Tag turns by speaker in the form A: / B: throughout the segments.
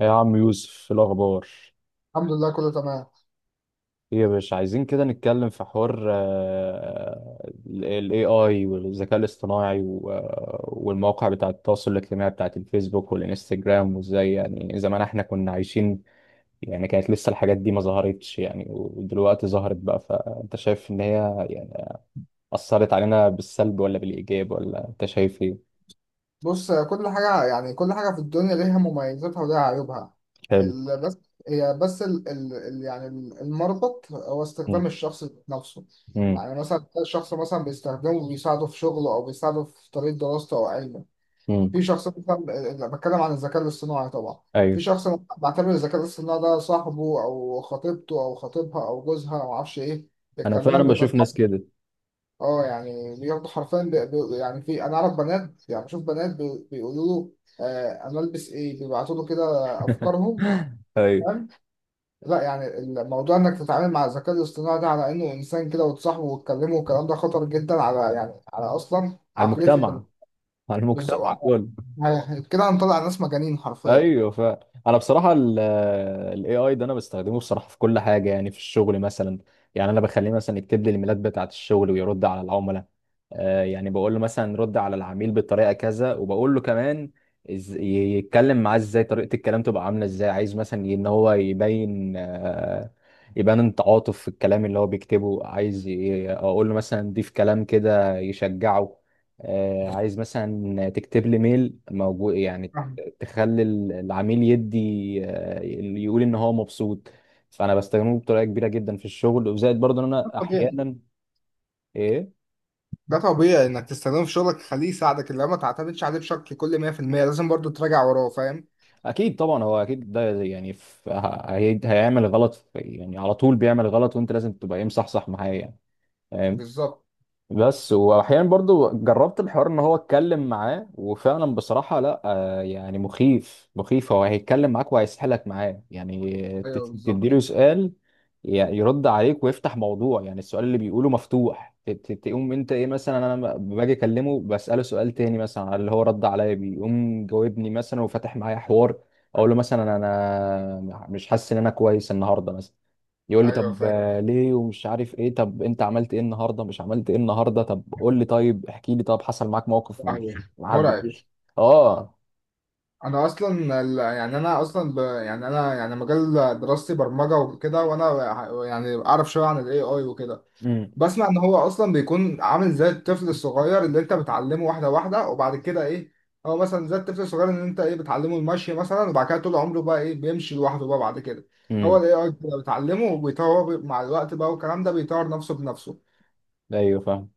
A: يا عم يوسف في الأخبار
B: الحمد لله، كله تمام.
A: إيه يا باشا؟ عايزين كده نتكلم في حوار، ال AI والذكاء الاصطناعي والمواقع بتاعة التواصل الاجتماعي بتاعة الفيسبوك والإنستجرام. وإزاي يعني زمان إحنا كنا عايشين؟ يعني كانت لسه الحاجات دي ما ظهرتش، يعني ودلوقتي ظهرت بقى. فأنت شايف إن هي يعني أثرت علينا بالسلب ولا بالإيجاب، ولا أنت شايف إيه؟
B: بص، كل حاجة يعني كل حاجة في الدنيا ليها مميزاتها وليها عيوبها.
A: حلو.
B: بس هي بس المربط هو
A: مم.
B: استخدام الشخص نفسه.
A: مم.
B: يعني مثلا تلاقي الشخص مثلا بيستخدمه وبيساعده في شغله أو بيساعده في طريق دراسته أو علمه. في
A: مم.
B: شخص مثلا، أنا بتكلم عن الذكاء الاصطناعي طبعا. في
A: أيوه.
B: شخص بعتبر الذكاء الاصطناعي ده صاحبه أو خطيبته أو خطيبها أو جوزها أو معرفش إيه،
A: أنا فعلا
B: بيتكلموا.
A: بشوف ناس كده.
B: اه يعني بياخدوا حرفيا، بي بي يعني في، انا اعرف بنات، يعني بشوف بنات بيقولوا له آه انا البس ايه، بيبعتوا له كده افكارهم،
A: أيوه.
B: فاهم؟ لا يعني الموضوع انك تتعامل مع الذكاء الاصطناعي ده على انه انسان كده وتصاحبه وتكلمه، والكلام ده خطر جدا على يعني على اصلا
A: على
B: عقليه
A: المجتمع،
B: البني.
A: على
B: بز-
A: المجتمع
B: وع-
A: كله.
B: يعني كده هنطلع ناس مجانين حرفيا،
A: ايوه. ف انا بصراحه الاي اي ده انا بستخدمه بصراحه في كل حاجه، يعني في الشغل مثلا. يعني انا بخليه مثلا يكتب لي الايميلات بتاعه الشغل ويرد على العملاء. يعني بقول له مثلا رد على العميل بالطريقه كذا، وبقول له كمان يتكلم معاه ازاي، طريقه الكلام تبقى عامله ازاي، عايز مثلا ان هو يبين، يبان التعاطف في الكلام اللي هو بيكتبه. عايز اقول له مثلا ضيف كلام كده يشجعه. عايز مثلا تكتب لي ميل موجود يعني
B: فاهم.
A: تخلي العميل يدي، آه، يقول ان هو مبسوط. فانا بستخدمه بطريقه كبيره جدا في الشغل، وزائد برضه ان
B: ده
A: انا
B: طبيعي.
A: احيانا إيه،
B: ده طبيعي انك تستخدمه في شغلك، خليه يساعدك، اللي ما تعتمدش عليه بشكل كل 100%، لازم برضو تراجع وراه، فاهم.
A: اكيد طبعا. هو اكيد ده يعني في هيعمل غلط، في يعني على طول بيعمل غلط، وانت لازم تبقى ايه مصحصح معاه يعني.
B: بالظبط.
A: بس واحيانا برضو جربت الحوار ان هو اتكلم معاه، وفعلا بصراحة لا، يعني مخيف مخيف. هو هيتكلم معاك وهيسحلك معاه، يعني
B: ايوه
A: تديله
B: بالظبط.
A: سؤال يرد عليك ويفتح موضوع، يعني السؤال اللي بيقوله مفتوح. تقوم انت ايه، مثلا انا باجي اكلمه بسأله سؤال تاني مثلا على اللي هو رد عليا بيه، يقوم جاوبني مثلا وفتح معايا حوار. اقول له مثلا انا مش حاسس ان انا كويس النهارده مثلا، يقول لي
B: ايوه
A: طب
B: فاهم.
A: ليه؟ ومش عارف ايه، طب انت عملت ايه النهارده، مش عملت ايه النهارده، طب قول لي، طيب احكي لي، طب حصل معاك موقف
B: صحيح.
A: مش ما
B: مرعب.
A: حبيتوش. اه.
B: انا اصلا يعني انا يعني مجال دراستي برمجه وكده، وانا يعني اعرف شويه عن الاي اي وكده.
A: امم.
B: بسمع ان هو اصلا بيكون عامل زي الطفل الصغير اللي انت بتعلمه واحده واحده وبعد كده ايه، هو مثلا زي الطفل الصغير اللي انت ايه بتعلمه المشي مثلا، وبعد كده طول عمره بقى ايه بيمشي لوحده بقى بعد كده. هو
A: امم.
B: الاي اي بتعلمه وبيطور مع الوقت بقى، والكلام ده بيطور نفسه بنفسه.
A: ايوه فاهم.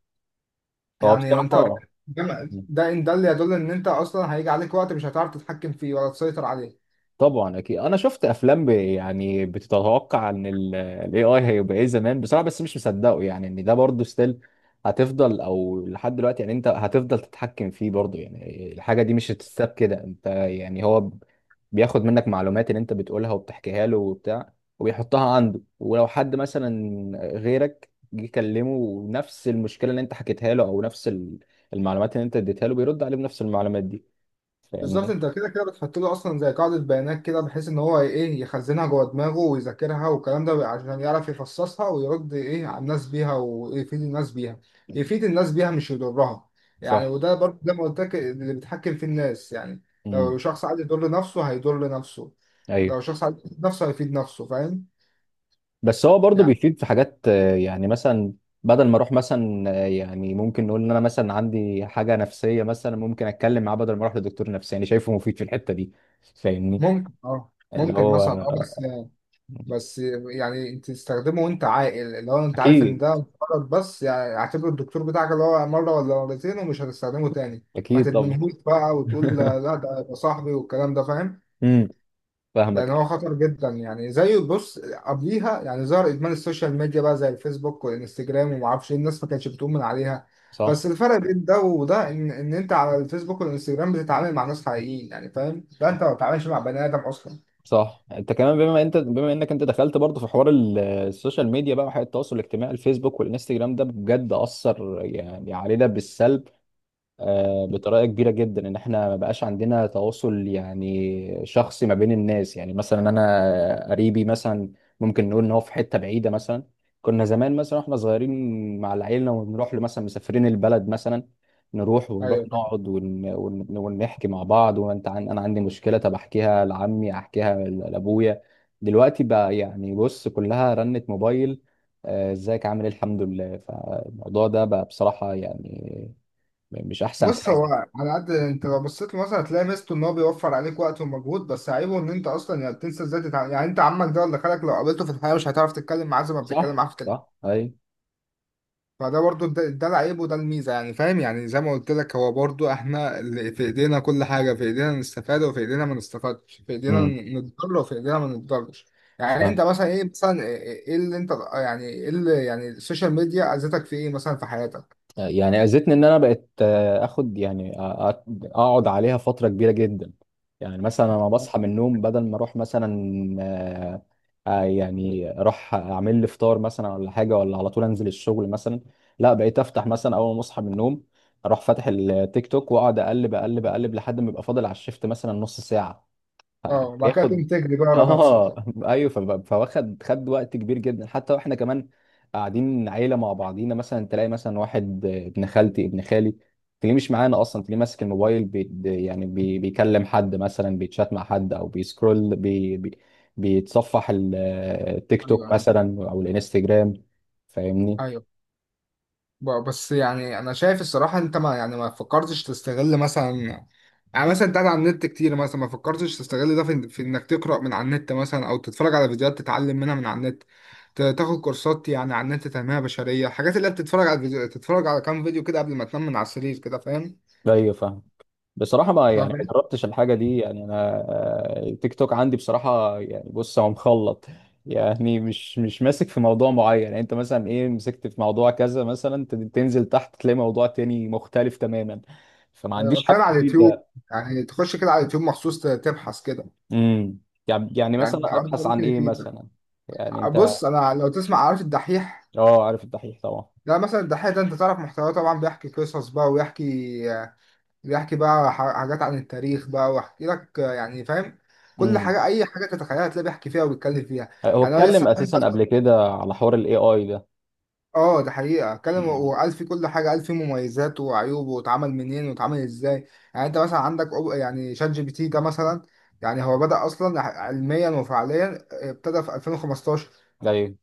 A: هو
B: يعني انت،
A: بصراحه
B: ده اللي يدل ان انت اصلا هيجي عليك وقت مش هتعرف تتحكم فيه ولا تسيطر عليه.
A: طبعا اكيد انا شفت افلام يعني بتتوقع ان الاي اي هيبقى ايه زمان بصراحه، بس مش مصدقه يعني ان ده برضه ستيل هتفضل. او لحد دلوقتي يعني انت هتفضل تتحكم فيه برضه، يعني الحاجه دي مش هتتساب كده. انت يعني هو بياخد منك معلومات اللي انت بتقولها وبتحكيها له وبتاع، وبيحطها عنده. ولو حد مثلا غيرك جه كلمه ونفس المشكله اللي انت حكيتها له، او نفس المعلومات اللي انت اديتها له، بيرد عليه بنفس المعلومات دي.
B: بالظبط.
A: فاهمني؟
B: انت كده كده بتحط له اصلا زي قاعده بيانات كده، بحيث ان هو ايه يخزنها جوه دماغه ويذاكرها والكلام ده، عشان يعرف يفصصها ويرد ايه على الناس بيها ويفيد الناس بيها. يفيد الناس بيها مش يضرها. يعني
A: صح.
B: وده برضه زي ما قلت لك، اللي بيتحكم في الناس يعني. لو
A: امم.
B: شخص عايز يضر نفسه هيضر نفسه.
A: ايوه.
B: لو شخص عايز يفيد نفسه هيفيد نفسه، فاهم.
A: بس هو برضه
B: يعني
A: بيفيد في حاجات، يعني مثلا بدل ما اروح مثلا، يعني ممكن نقول ان انا مثلا عندي حاجه نفسيه مثلا، ممكن اتكلم معاه بدل ما اروح لدكتور نفساني. شايفه مفيد في الحته دي. فاهمني؟
B: ممكن اه،
A: اللي
B: ممكن
A: هو
B: مثلا اه، بس، بس يعني انت تستخدمه وانت عاقل، اللي هو انت عارف ان
A: اكيد.
B: ده غلط، بس يعني اعتبر الدكتور بتاعك اللي هو مره ولا مرتين ومش هتستخدمه تاني. ما
A: اكيد طبعا.
B: تدمنهوش بقى وتقول لا لا ده يبقى صاحبي والكلام ده، فاهم.
A: امم.
B: لان هو
A: فاهمك.
B: خطر جدا، يعني زي بص قبليها يعني ظهر ادمان السوشيال ميديا بقى زي الفيسبوك والانستجرام وما اعرفش ايه، الناس ما كانتش بتؤمن عليها. بس
A: صح
B: الفرق بين ده وده ان انت على الفيسبوك والانستجرام بتتعامل مع ناس حقيقيين، يعني فاهم، ده انت ما بتتعاملش مع بني ادم اصلا.
A: صح. انت كمان بما انت، بما انك انت دخلت برضه في حوار السوشيال ميديا بقى وحياة التواصل الاجتماعي، الفيسبوك والانستجرام، ده بجد اثر يعني علينا بالسلب، بطريقه كبيره جدا. ان احنا ما بقاش عندنا تواصل يعني شخصي ما بين الناس. يعني مثلا انا قريبي مثلا ممكن نقول ان هو في حته بعيده مثلا، كنا زمان مثلا واحنا صغيرين مع العيله ونروح له مثلا مسافرين البلد مثلا، نروح ونروح
B: ايوه.
A: نقعد ونحكي مع بعض. وانت انا عندي مشكله، طب احكيها لعمي، احكيها لابويا. دلوقتي بقى يعني بص كلها رنة موبايل، ازيك، عامل ايه، الحمد لله. فالموضوع ده بقى بصراحه يعني مش احسن
B: بص هو،
A: حاجه.
B: على قد انت لو بصيت له مثلا هتلاقي ميزته ان هو بيوفر عليك وقت ومجهود، بس عيبه ان انت اصلا يعني بتنسى ازاي تتعامل. يعني انت عمك ده ولا خالك لو قابلته في الحياه مش هتعرف تتكلم معاه زي ما بتتكلم معاه
A: صح
B: في التليفون.
A: صح. اي.
B: فده برضو ده العيب وده الميزه، يعني فاهم. يعني زي ما قلت لك، هو برضو احنا اللي في ايدينا، كل حاجه في ايدينا نستفاد وفي ايدينا ما نستفادش، في ايدينا
A: امم.
B: نتضرر وفي ايدينا ما نتضررش.
A: ف
B: يعني انت مثلا ايه، مثلا ايه، ايه اللي انت يعني ايه اللي يعني السوشيال ميديا اذتك في ايه مثلا في حياتك؟
A: يعني اذتني ان انا بقت، اخد يعني اقعد عليها فتره كبيره جدا. يعني مثلا انا بصحى من النوم بدل ما اروح مثلا، آه، يعني اروح اعمل لي فطار مثلا ولا حاجه، ولا على طول انزل الشغل مثلا. لا، بقيت افتح مثلا اول ما اصحى من النوم، اروح فاتح التيك توك واقعد اقلب اقلب اقلب لحد ما يبقى فاضل على الشفت مثلا نص ساعه.
B: اه، وبعد كده
A: بياخد.
B: تقوم تجري بقى ورا نفسك
A: اه.
B: بقى.
A: ايوه. فواخد وقت كبير جدا. حتى واحنا كمان قاعدين عيله مع بعضينا مثلا، تلاقي مثلا واحد، ابن خالتي ابن خالي، تلاقيه مش معانا اصلا، تلاقيه ماسك الموبايل، بي يعني بي بيكلم حد مثلا، بيتشات مع حد، او بيسكرول بي بي بيتصفح التيك
B: ايوه.
A: توك
B: ايوه.
A: مثلا او الانستجرام. فاهمني؟
B: ايوه، بس يعني انا شايف الصراحه انت، ما يعني ما فكرتش تستغل مثلا، يعني مثلا انت قاعد على النت كتير مثلا، ما فكرتش تستغل ده في انك تقرا من على النت مثلا او تتفرج على فيديوهات تتعلم منها من على النت. تاخد كورسات يعني على النت، تنميه بشريه، الحاجات اللي انت بتتفرج على فيديو، تتفرج على كام فيديو كده قبل ما تنام من على السرير كده، فاهم.
A: ايوه فاهم. بصراحة ما،
B: ما
A: يعني ما
B: فاهم.
A: جربتش الحاجة دي يعني أنا. التيك توك عندي بصراحة يعني بص هو مخلط، يعني مش ماسك في موضوع معين. يعني أنت مثلا إيه مسكت في موضوع كذا مثلا، تنزل تحت تلاقي موضوع تاني مختلف تماما. فما
B: انا
A: عنديش
B: بتكلم
A: حاجة
B: على اليوتيوب.
A: جديدة.
B: يعني تخش كده على اليوتيوب مخصوص، تبحث كده.
A: امم. يعني
B: يعني
A: مثلا
B: الحوار ده
A: أبحث عن
B: ممكن
A: إيه
B: يفيدك.
A: مثلا؟ يعني أنت.
B: بص، انا لو تسمع، عارف الدحيح؟
A: أه عارف الدحيح طبعا.
B: لا مثلا الدحيح ده انت تعرف محتواه طبعا، بيحكي قصص بقى ويحكي، بيحكي بقى حاجات عن التاريخ بقى ويحكي لك، آه، يعني فاهم. كل
A: امم.
B: حاجه، اي حاجه تتخيلها تلاقيه بيحكي فيها وبيتكلم فيها.
A: هو
B: يعني هو
A: اتكلم
B: لسه فاهم
A: أساسا
B: بس.
A: قبل كده على حوار ال AI ده.
B: اه ده حقيقه، اتكلم
A: امم.
B: وقال في كل حاجه، قال في مميزات وعيوب واتعمل منين واتعمل ازاي. يعني انت مثلا عندك يعني شات جي بي تي ده مثلا، يعني هو بدأ اصلا علميا وفعليا، ابتدى في 2015،
A: أيوه.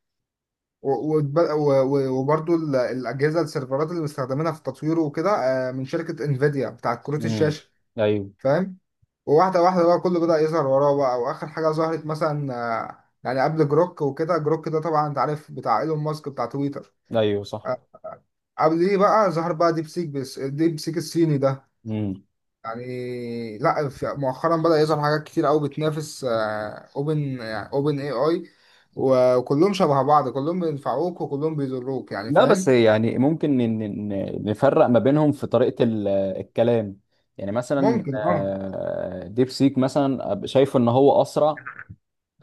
B: و- وبرضو الأجهزة، السيرفرات اللي بيستخدمينها في التطوير وكده، آه، من شركة انفيديا بتاعت كروت
A: امم.
B: الشاشة،
A: أيوه.
B: فاهم. وواحدة واحدة بقى كله بدأ يظهر وراه بقى، وآخر حاجة ظهرت مثلا آه، يعني قبل جروك وكده. جروك ده طبعا أنت عارف بتاع إيلون ماسك، بتاع تويتر،
A: أيوه صح.
B: آه، قبليه بقى ظهر بقى ديب سيك، بس ديب سيك الصيني ده
A: مم.
B: يعني، لا في- مؤخرا بدأ يظهر حاجات كتير قوي بتنافس اوبن اي اي، وكلهم شبه بعض، كلهم بينفعوك وكلهم بيضروك، يعني
A: لا بس
B: فاهم.
A: يعني ممكن نفرق ما بينهم في طريقة الكلام. يعني مثلا،
B: ممكن اه.
A: ديب سيك مثلا شايفه ان هو اسرع،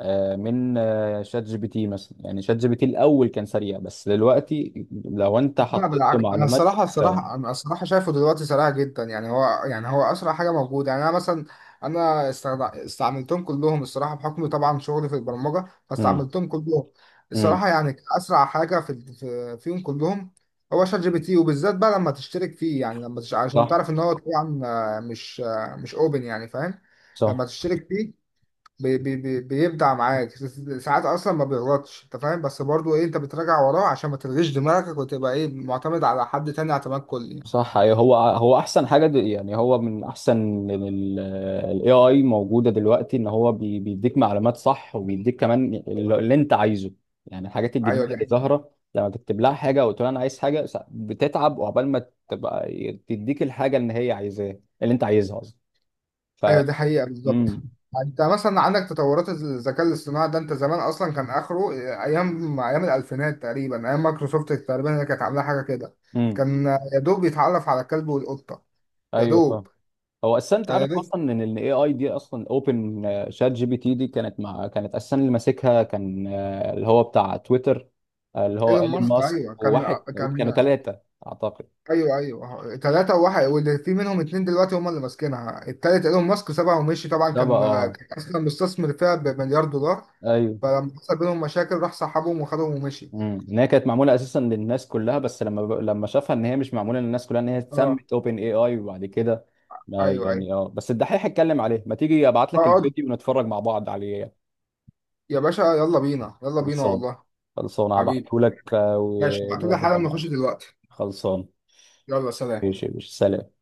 A: آه، من آه، شات جي بي تي مثلا. يعني شات جي بي تي الاول كان سريع، بس دلوقتي لو انت
B: لا
A: حطيت له
B: بالعكس، انا
A: معلومات.
B: الصراحه، الصراحه انا الصراحه شايفه دلوقتي سريع جدا، يعني هو يعني هو اسرع حاجه موجوده. يعني انا مثلا، انا استعملتهم كلهم الصراحه، بحكم طبعا شغلي في البرمجه
A: امم.
B: فاستعملتهم كلهم.
A: امم.
B: الصراحه يعني اسرع حاجه فيهم كلهم هو شات جي بي تي، وبالذات بقى لما تشترك فيه. يعني لما عشان
A: صح
B: تعرف ان هو طبعا مش اوبن، يعني فاهم. لما
A: صح
B: تشترك فيه بي بي بي بيبدع معاك، ساعات اصلا ما بيغلطش، انت فاهم، بس برضو ايه، انت بتراجع وراه عشان ما تلغيش دماغك وتبقى ايه معتمد على حد تاني اعتماد كلي.
A: صح. أيوة، هو هو احسن حاجه يعني هو من احسن الاي اي موجوده دلوقتي، ان هو بيديك معلومات صح، وبيديك كمان اللي انت عايزه. يعني الحاجات
B: ايوه
A: الجديده
B: دي
A: اللي
B: حقيقة.
A: ظاهره لما تكتب لها حاجه وتقول انا عايز حاجه بتتعب وعقبال ما تبقى تديك الحاجه اللي هي عايزاه، اللي انت عايزها قصدي. ف.
B: ايوه دي حقيقة بالظبط.
A: امم.
B: انت مثلا عندك تطورات الذكاء الاصطناعي ده، انت زمان اصلا كان اخره ايام، ايام الالفينات تقريبا، ايام مايكروسوفت تقريبا، هي كانت عامله حاجه كده،
A: امم.
B: كان يا دوب بيتعرف على الكلب والقطه، يا
A: ايوه.
B: دوب.
A: هو اساسا انت
B: كان يا
A: عارف
B: دوب.
A: اصلا ان الاي اي دي اصلا اوبن، شات جي بي تي دي كانت مع، كانت اساسا اللي ماسكها كان، اللي هو بتاع تويتر، اللي هو
B: ايلون
A: ايلون
B: ماسك،
A: ماسك
B: ايوه كان،
A: وواحد، كانوا
B: كان.
A: ثلاثه اعتقد.
B: ايوه ايوه ثلاثة وواحد، واللي في منهم اتنين دلوقتي هم اللي ماسكينها، التالت ايلون ماسك سابها ومشي طبعا،
A: ده بقى اه.
B: كان اصلا مستثمر فيها بمليار دولار.
A: ايوه.
B: فلما حصل بينهم مشاكل راح سحبهم وخدهم ومشي.
A: امم. ان هي كانت معموله اساسا للناس كلها، بس لما لما شافها ان هي مش معموله للناس كلها، ان هي
B: اه.
A: اتسمت اوبن اي اي. وبعد كده
B: ايوه ايوه.
A: يعني اه، بس الدحيح اتكلم عليه، ما تيجي ابعت لك
B: اقعد
A: الفيديو ونتفرج مع بعض عليه.
B: يا باشا، يلا بينا يلا بينا
A: خلصان.
B: والله.
A: خلصان
B: حبيبي.
A: هبعته لك،
B: ماشي، ابعتولي
A: ونقدم
B: حالا
A: مع
B: نخش
A: بعض.
B: دلوقتي.
A: خلصان.
B: يلا سلام.
A: ماشي يا باشا، سلام.